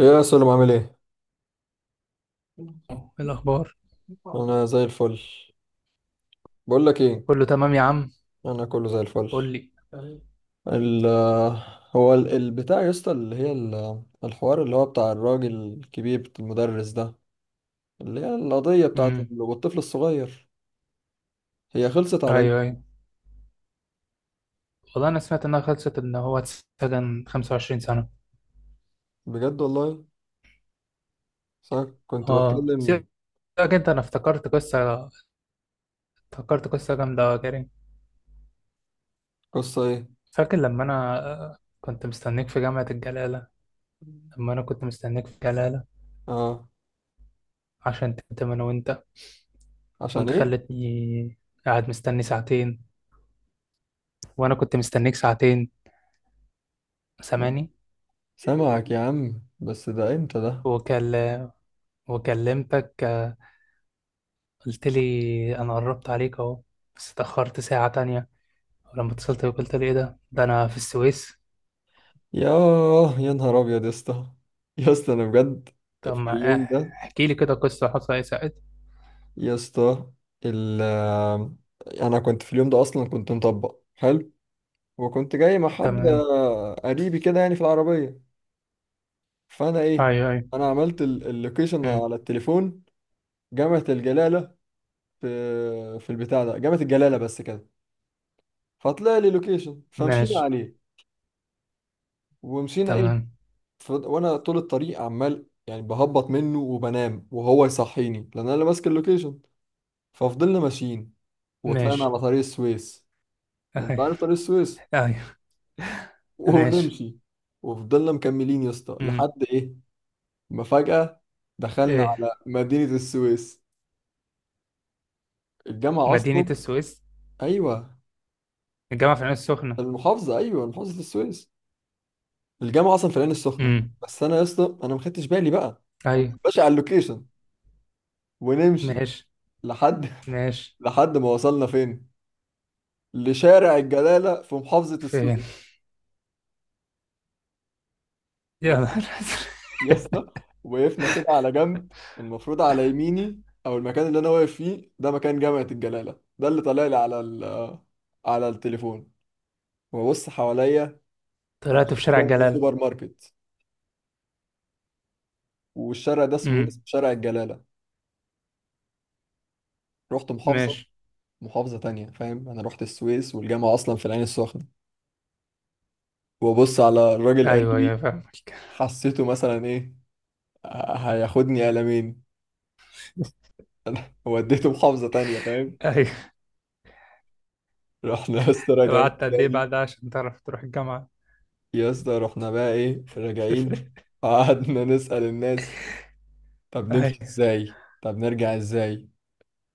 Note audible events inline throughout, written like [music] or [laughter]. ايه يا سلام، عامل ايه؟ إيه الأخبار؟ الحمد، انا زي الفل. بقول لك ايه، كله تمام يا عم. انا كله زي الفل. قول لي. ال هو البتاع يا اسطى، اللي هي الحوار اللي هو بتاع الراجل الكبير المدرس ده، اللي هي القضية بتاعت امم. والطفل الصغير. هي خلصت على أيوه، ايه؟ أيوه. والله أنا سمعت إنها خلصت إن هو اتسجن 25 سنة. بجد والله. بس أنا كنت أه، بتكلم. سيبك. أنا افتكرت قصة. افتكرت قصة جامدة يا كريم. قصة ايه؟ فاكر لما أنا كنت مستنيك في جامعة الجلالة؟ لما أنا كنت مستنيك في الجلالة. اه، عشان تتم أنا وأنت. عشان وأنت ايه؟ خلتني قاعد مستني ساعتين. وأنا كنت مستنيك ساعتين. سامعني؟ سامعك يا عم، بس ده امتى ده؟ وكل... وكلمتك، قلت لي أنا قربت عليك أهو. بس اتأخرت ساعة تانية. لما اتصلت بيك قلت لي ايه ده، انا في السويس. ياه يا نهار ابيض يا اسطى، يا اسطى انا بجد. طب في ما اليوم ده، احكي لي كده قصة حصل ايه ساعتها. يا اسطى، ال انا كنت في اليوم ده اصلا كنت مطبق حلو، وكنت جاي مع حد تمام. قريبي كده يعني في العربيه. فانا ايه؟ ايوه، ايوه. انا عملت اللوكيشن امم. على التليفون، جامعه الجلاله، في في البتاع ده جامعه الجلاله بس كده. فطلع لي لوكيشن، فمشينا ماشي. عليه ومشينا ايه. تمام. وانا طول الطريق عمال يعني بهبط منه وبنام، وهو يصحيني لان انا اللي ماسك اللوكيشن. ففضلنا ماشيين وطلعنا ماشي. على طريق السويس. يعني انت ايوه، عارف طريق السويس، ايوه. ماشي. ونمشي. وفضلنا مكملين يا اسطى امم. لحد ايه، ما فجأة دخلنا ايه؟ على مدينة السويس. الجامعة أصلا، مدينة السويس؟ أيوة الجامعة في العين السخنة. المحافظة، أيوة محافظة السويس، الجامعة أصلا في العين السخنة. امم. بس أنا يا اسطى أنا ما خدتش بالي بقى، أنا ايوه. ماشي على اللوكيشن ونمشي، ماشي. لحد [laughs] ماشي. لحد ما وصلنا فين، لشارع الجلالة في محافظة فين؟ السويس. يا نهار يا أزرق. اسطى وقفنا كده على جنب. المفروض على يميني او المكان اللي انا واقف فيه ده مكان جامعة الجلالة، ده اللي طالع لي على على التليفون. وببص حواليا، [laughs] أنا طلعت في شارع جنبي الجلالة. سوبر ماركت، والشارع ده اسمه إيه؟ امم. اسمه شارع الجلالة. رحت محافظة، ماشي. محافظة تانية، فاهم، انا رحت السويس والجامعة اصلا في العين السخنة. وببص على الراجل ايوه، ايوه، قريبي، أيوه، فاهمك. [laughs] حسيته مثلا ايه، هياخدني قلمين. [laughs] وديته محافظة تانية، فاهم. ايوه. رحنا بس طب راجعين قعدت قد ايه تاني، بعد عشان تعرف تروح الجامعة؟ يا اسطى رحنا بقى ايه راجعين. [laughs] قعدنا نسأل الناس، طب نمشي ازاي، طب نرجع ازاي.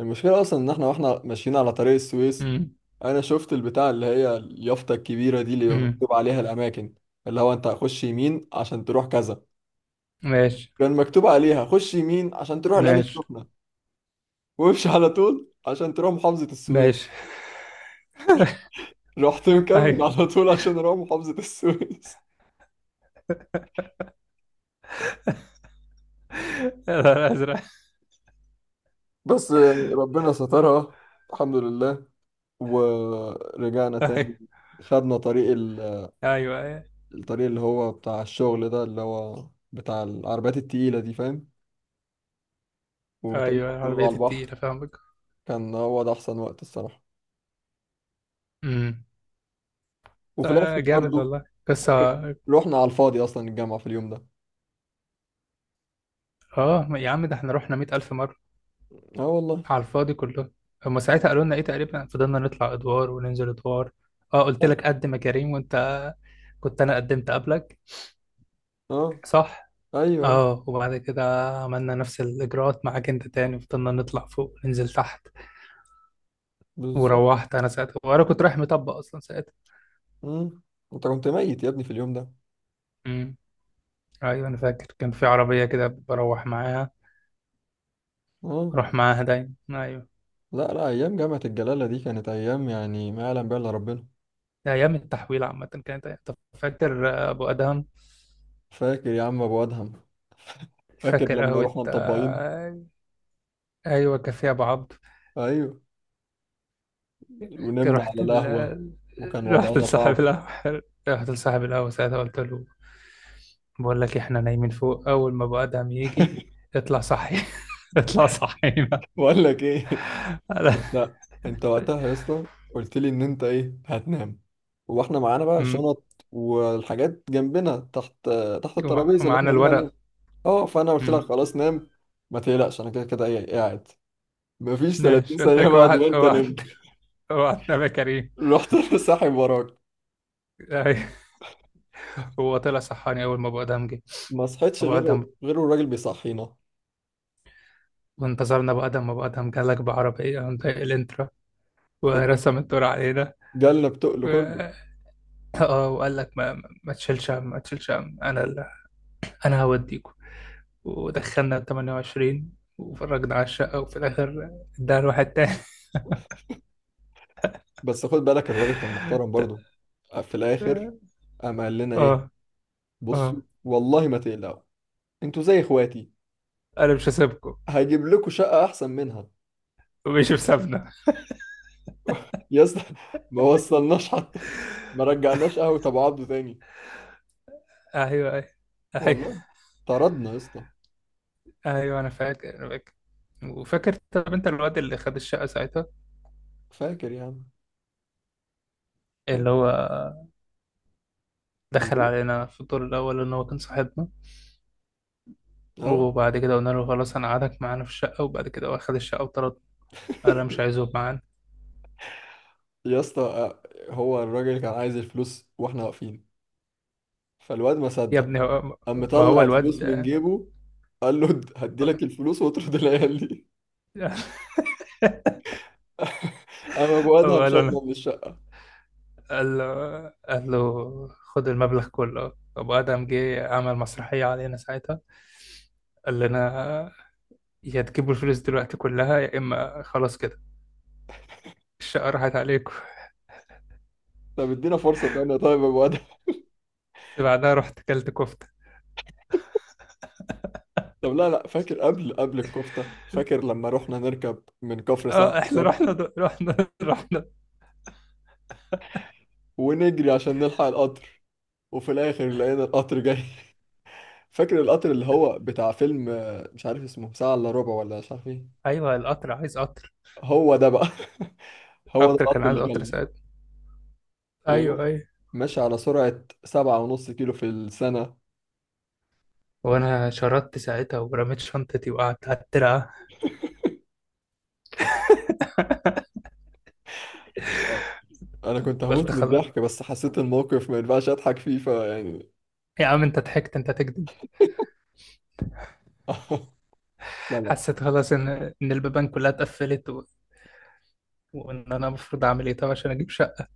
المشكلة اصلا ان احنا واحنا ماشيين على طريق السويس، ايوه. انا شفت البتاع اللي هي اليافطة الكبيرة دي اللي امم. مكتوب عليها الاماكن، اللي هو انت هتخش يمين عشان تروح كذا. ماشي. كان مكتوب عليها خش يمين عشان تروح العين ماشي. السخنة، وامشي على طول عشان تروح محافظة السويس. ماشي. [laughs] رحت مكمل ايوه، على طول عشان اروح محافظة السويس. الازرق. [laughs] بس يعني ربنا سترها، الحمد لله، ورجعنا تاني. ايوه، خدنا طريق ايوه، الطريق اللي هو بتاع الشغل ده، اللي هو بتاع العربيات التقيلة دي، فاهم. والطريق كان ايوه، كله على العربيات البحر، التقيلة فاهمك. كان هو ده أحسن وقت الصراحة. امم. وفي آه، الآخر جامد برضه، والله، بس فاكر اه رحنا على الفاضي أصلا الجامعة في اليوم ده. آه، يا عم ده احنا رحنا 100,000 مرة اه والله. على الفاضي كله. هما ساعتها قالوا لنا ايه تقريبا؟ فضلنا نطلع ادوار وننزل ادوار. اه، قلت اه. لك قدم يا كريم وانت كنت انا قدمت قبلك، آه، صح. أيوه أيوه اه، وبعد كده عملنا نفس الاجراءات معاك انت تاني. فضلنا نطلع فوق وننزل تحت. بالظبط. وروحت انا ساعتها وانا كنت رايح مطبق اصلا ساعتها. مم. أنت كنت ميت يا ابني في اليوم ده. امم. ايوه، انا فاكر كان في عربيه كده بروح معاها. اه. بروح معاها دايما، ايوه. لا لا، أيام جامعة الجلالة دي كانت أيام يعني ما يعلم بها إلا ربنا. ده ايام التحويل عامه طب فاكر ابو ادهم؟ فاكر يا عم أبو أدهم؟ فاكر فاكر لما قهوه رحنا مطبقين، آه، ايوه، كافيه ابو عبد. ايوه، فاكر؟ ونمنا على القهوة، وكان رحت وضعنا لصاحب صعب. القهوه. رحت لصاحب القهوه ساعتها قلت له: بقول لك احنا نايمين فوق، اول ما ابو ادهم يجي اطلع صحي. [laughs] اطلع صحينا. [laughs] بقول لك ايه. أنا- انت انت وقتها يا اسطى قلت لي ان انت ايه هتنام، واحنا معانا بقى أمم. شنط والحاجات جنبنا تحت، تحت الترابيزة اللي احنا ومعانا قاعدين عليها. الورق. اه فانا قلت لك خلاص نام، ما تقلقش، انا كده كده ايه إيه قاعد. مفيش ماشي. 30 قلت ثانية لك بعد اوعى، ما انت اوعى، نمت اوعى تنام يا كريم. رحت [laughs] ساحب وراك. أيوة. هو طلع صحاني اول ما ابو ادهم جه. ما صحيتش ابو غير، ادهم. الراجل بيصحينا. وانتظرنا ابو ادهم. ابو ادهم جالك بعربيه عند الانترا، خد، ورسم الدور علينا. جالنا و... بتقل كله. اه، وقال لك ما تشيلش هم، ما تشيلش هم. انا هوديكوا. ودخلنا 28 وفرجنا على الشقه وفي الاخر اداها لواحد تاني. بس خد بالك الراجل كان محترم برضه، في الاخر [laughs] قام قال لنا ايه، اه، بص اه، والله ما تقلقوا، انتوا زي اخواتي، انا مش هسيبكم. هجيب لكم شقة احسن منها. ومش بسابنا. يا اسطى [laughs] ما وصلناش حتى، ما رجعناش قهوة ابو عبده تاني. ايوه، ايوه، أيوة. والله طردنا يا اسطى. ايوه، انا فاكر انا فاكر. وفاكر؟ طب انت الواد اللي خد الشقه ساعتها، فاكر يعني، فاكر اللي هو دخل الواد- علينا في الدور الاول ان هو كان صاحبنا. اه وبعد كده قلنا له خلاص انا قعدك معانا في الشقه، وبعد كده هو خد الشقه وطرد. قال انا مش عايزه يبقى معانا. يا اسطى، هو الراجل كان عايز الفلوس واحنا واقفين، فالواد ما يا صدق، ابني، قام ما هو مطلع الواد الفلوس من [laughs] جيبه، قال له هديلك الفلوس واطرد العيال دي. [laughs] قام ابو هو ادهم قال له انا شطنا من الشقة. قال له قال له خد المبلغ كله. ابو ادم جه عمل مسرحيه علينا ساعتها. قال لنا: يا تجيبوا الفلوس دلوقتي كلها يا اما خلاص كده، الشقه راحت عليكم. طب ادينا فرصة تانية طيب يا ابو. بس بعدها رحت كلت كفتة. طب لا لا، فاكر قبل الكفتة، فاكر لما رحنا نركب من كفر سعد اه، احنا القطر، رحنا رحنا [laughs] رحنا. ونجري عشان نلحق القطر. وفي الآخر لقينا القطر جاي. [laughs] فاكر القطر اللي هو بتاع فيلم مش عارف اسمه، ساعة إلا ربع ولا مش عارف ايه. ايوه، القطر عايز قطر. هو ده بقى. [laughs] هو ده القطر كان القطر عايز اللي قطر جالنا، ساعتها. ايوه، ايوه. وماشي على سرعة سبعة ونص كيلو في السنة. وانا شردت ساعتها ورميت شنطتي وقعدت على الترعة. أنا كنت قلت هموت من خلاص. الضحك، بس حسيت الموقف ما ينفعش أضحك فيه فيعني. يا عم انت ضحكت، انت تكذب. [laughs] لا لا. حسيت خلاص ان البيبان كلها اتقفلت وان انا المفروض اعمل ايه طب عشان اجيب شقه.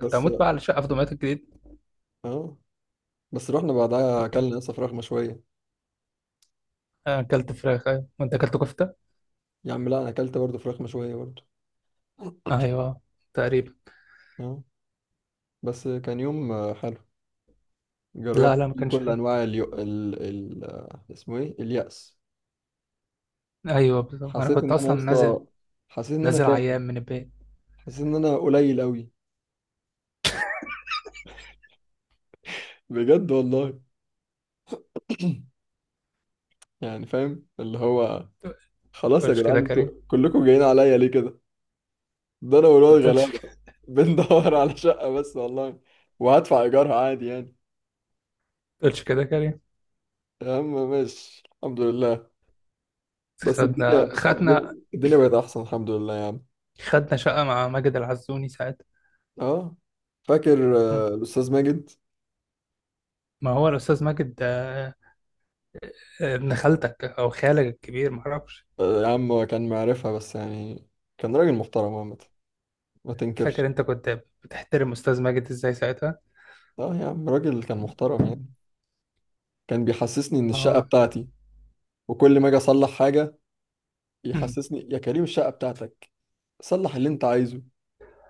كنت بس هموت بقى على شقه في دمياط الجديد. اه، بس رحنا بعدها أكلنا لسه فراخ مشوية. انا اكلت فراخ، ايوه، وانت اكلت كفته. يا عم لا، انا اكلت برضه فراخ مشوية برضه. ايوه، تقريبا. اه، بس كان يوم حلو. لا، لا، جربت ما فيه كانش كل حلو. انواع اليو... ال... ال... آه، اسمه ايه، اليأس. ايوه، بالظبط انا حسيت كنت ان انا يا اصلا نازل. اسطى، حسيت ان انا نازل تاكل، عيان من البيت. حسيت ان انا قليل قوي، بجد والله. يعني فاهم اللي هو، خلاص يا تقولش كده جدعان كريم؟ انتوا كلكم جايين عليا ليه كده، ده انا ما والواد تقولش كده- غلابة بندور [laughs] على شقة بس والله، وهدفع ايجارها عادي يعني. ما تقولش كده كريم. يا عم ماشي الحمد لله. بس خدنا الدنيا، خدنا الدنيا بقت احسن، الحمد لله يا عم. خدنا شقة مع ماجد العزوني ساعتها. اه، فاكر مم. الأستاذ ماجد. ما هو الأستاذ ماجد. آه، ابن خالتك أو خالك الكبير معرفش. يا عم هو كان معرفها بس يعني كان راجل محترم عامة، ما فاكر تنكرش. أنت كنت بتحترم أستاذ ماجد إزاي ساعتها؟ اه يا عم راجل كان محترم يعني، كان بيحسسني إن الشقة آه. بتاعتي، وكل ما أجي أصلح حاجة مم. يحسسني يا كريم الشقة بتاعتك، صلح اللي أنت عايزه.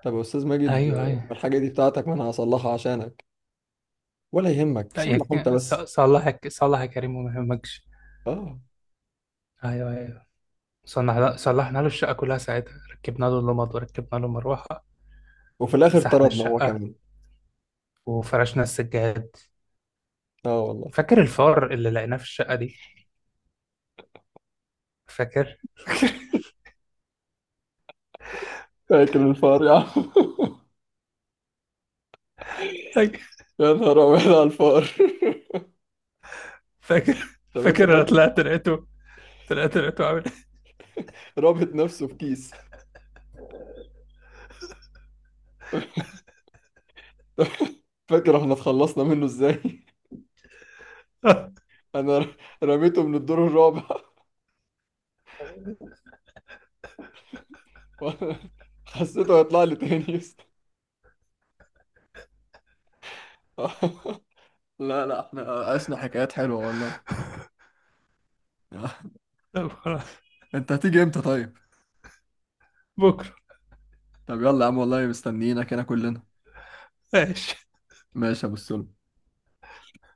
طب يا أستاذ ماجد أيوه، أيوه. الحاجة دي بتاعتك، ما أنا هصلحها عشانك، ولا يهمك، صلح أنت بس. صلحك صلح يا كريم وما يهمكش. اه. أيوه، أيوه. صلحنا له الشقة كلها ساعتها، ركبنا له اللمض وركبنا له مروحة. وفي الآخر مسحنا طردنا هو الشقة كمان. وفرشنا السجاد. اه والله. فاكر الفار اللي لقيناه في الشقة دي؟ فاكر؟ فاكر الفار يا عم. [laughs] يا نهار أبيض على الفار. فاكر؟ [laughs] طب فاكر أنت انا فاكر، طلعت لقيته. طلعت لقيته عامل [laughs] رابط نفسه في كيس. [laughs] فاكر احنا اتخلصنا منه ازاي؟ إيه؟ [laughs] انا ر- رميته من الدور الرابع. [laughs] وأنا حسيته هيطلع لي تاني يا اسطى. [laughs] لا لا، احنا عشنا حكايات حلوة والله. [laughs] طب خلاص. انت هتيجي امتى طيب؟ بكره. طب يلا يا عم، والله مستنيينك هنا كلنا. ماشي. ماشي يا ابو السلم،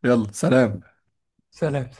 يلا سلام. سلام.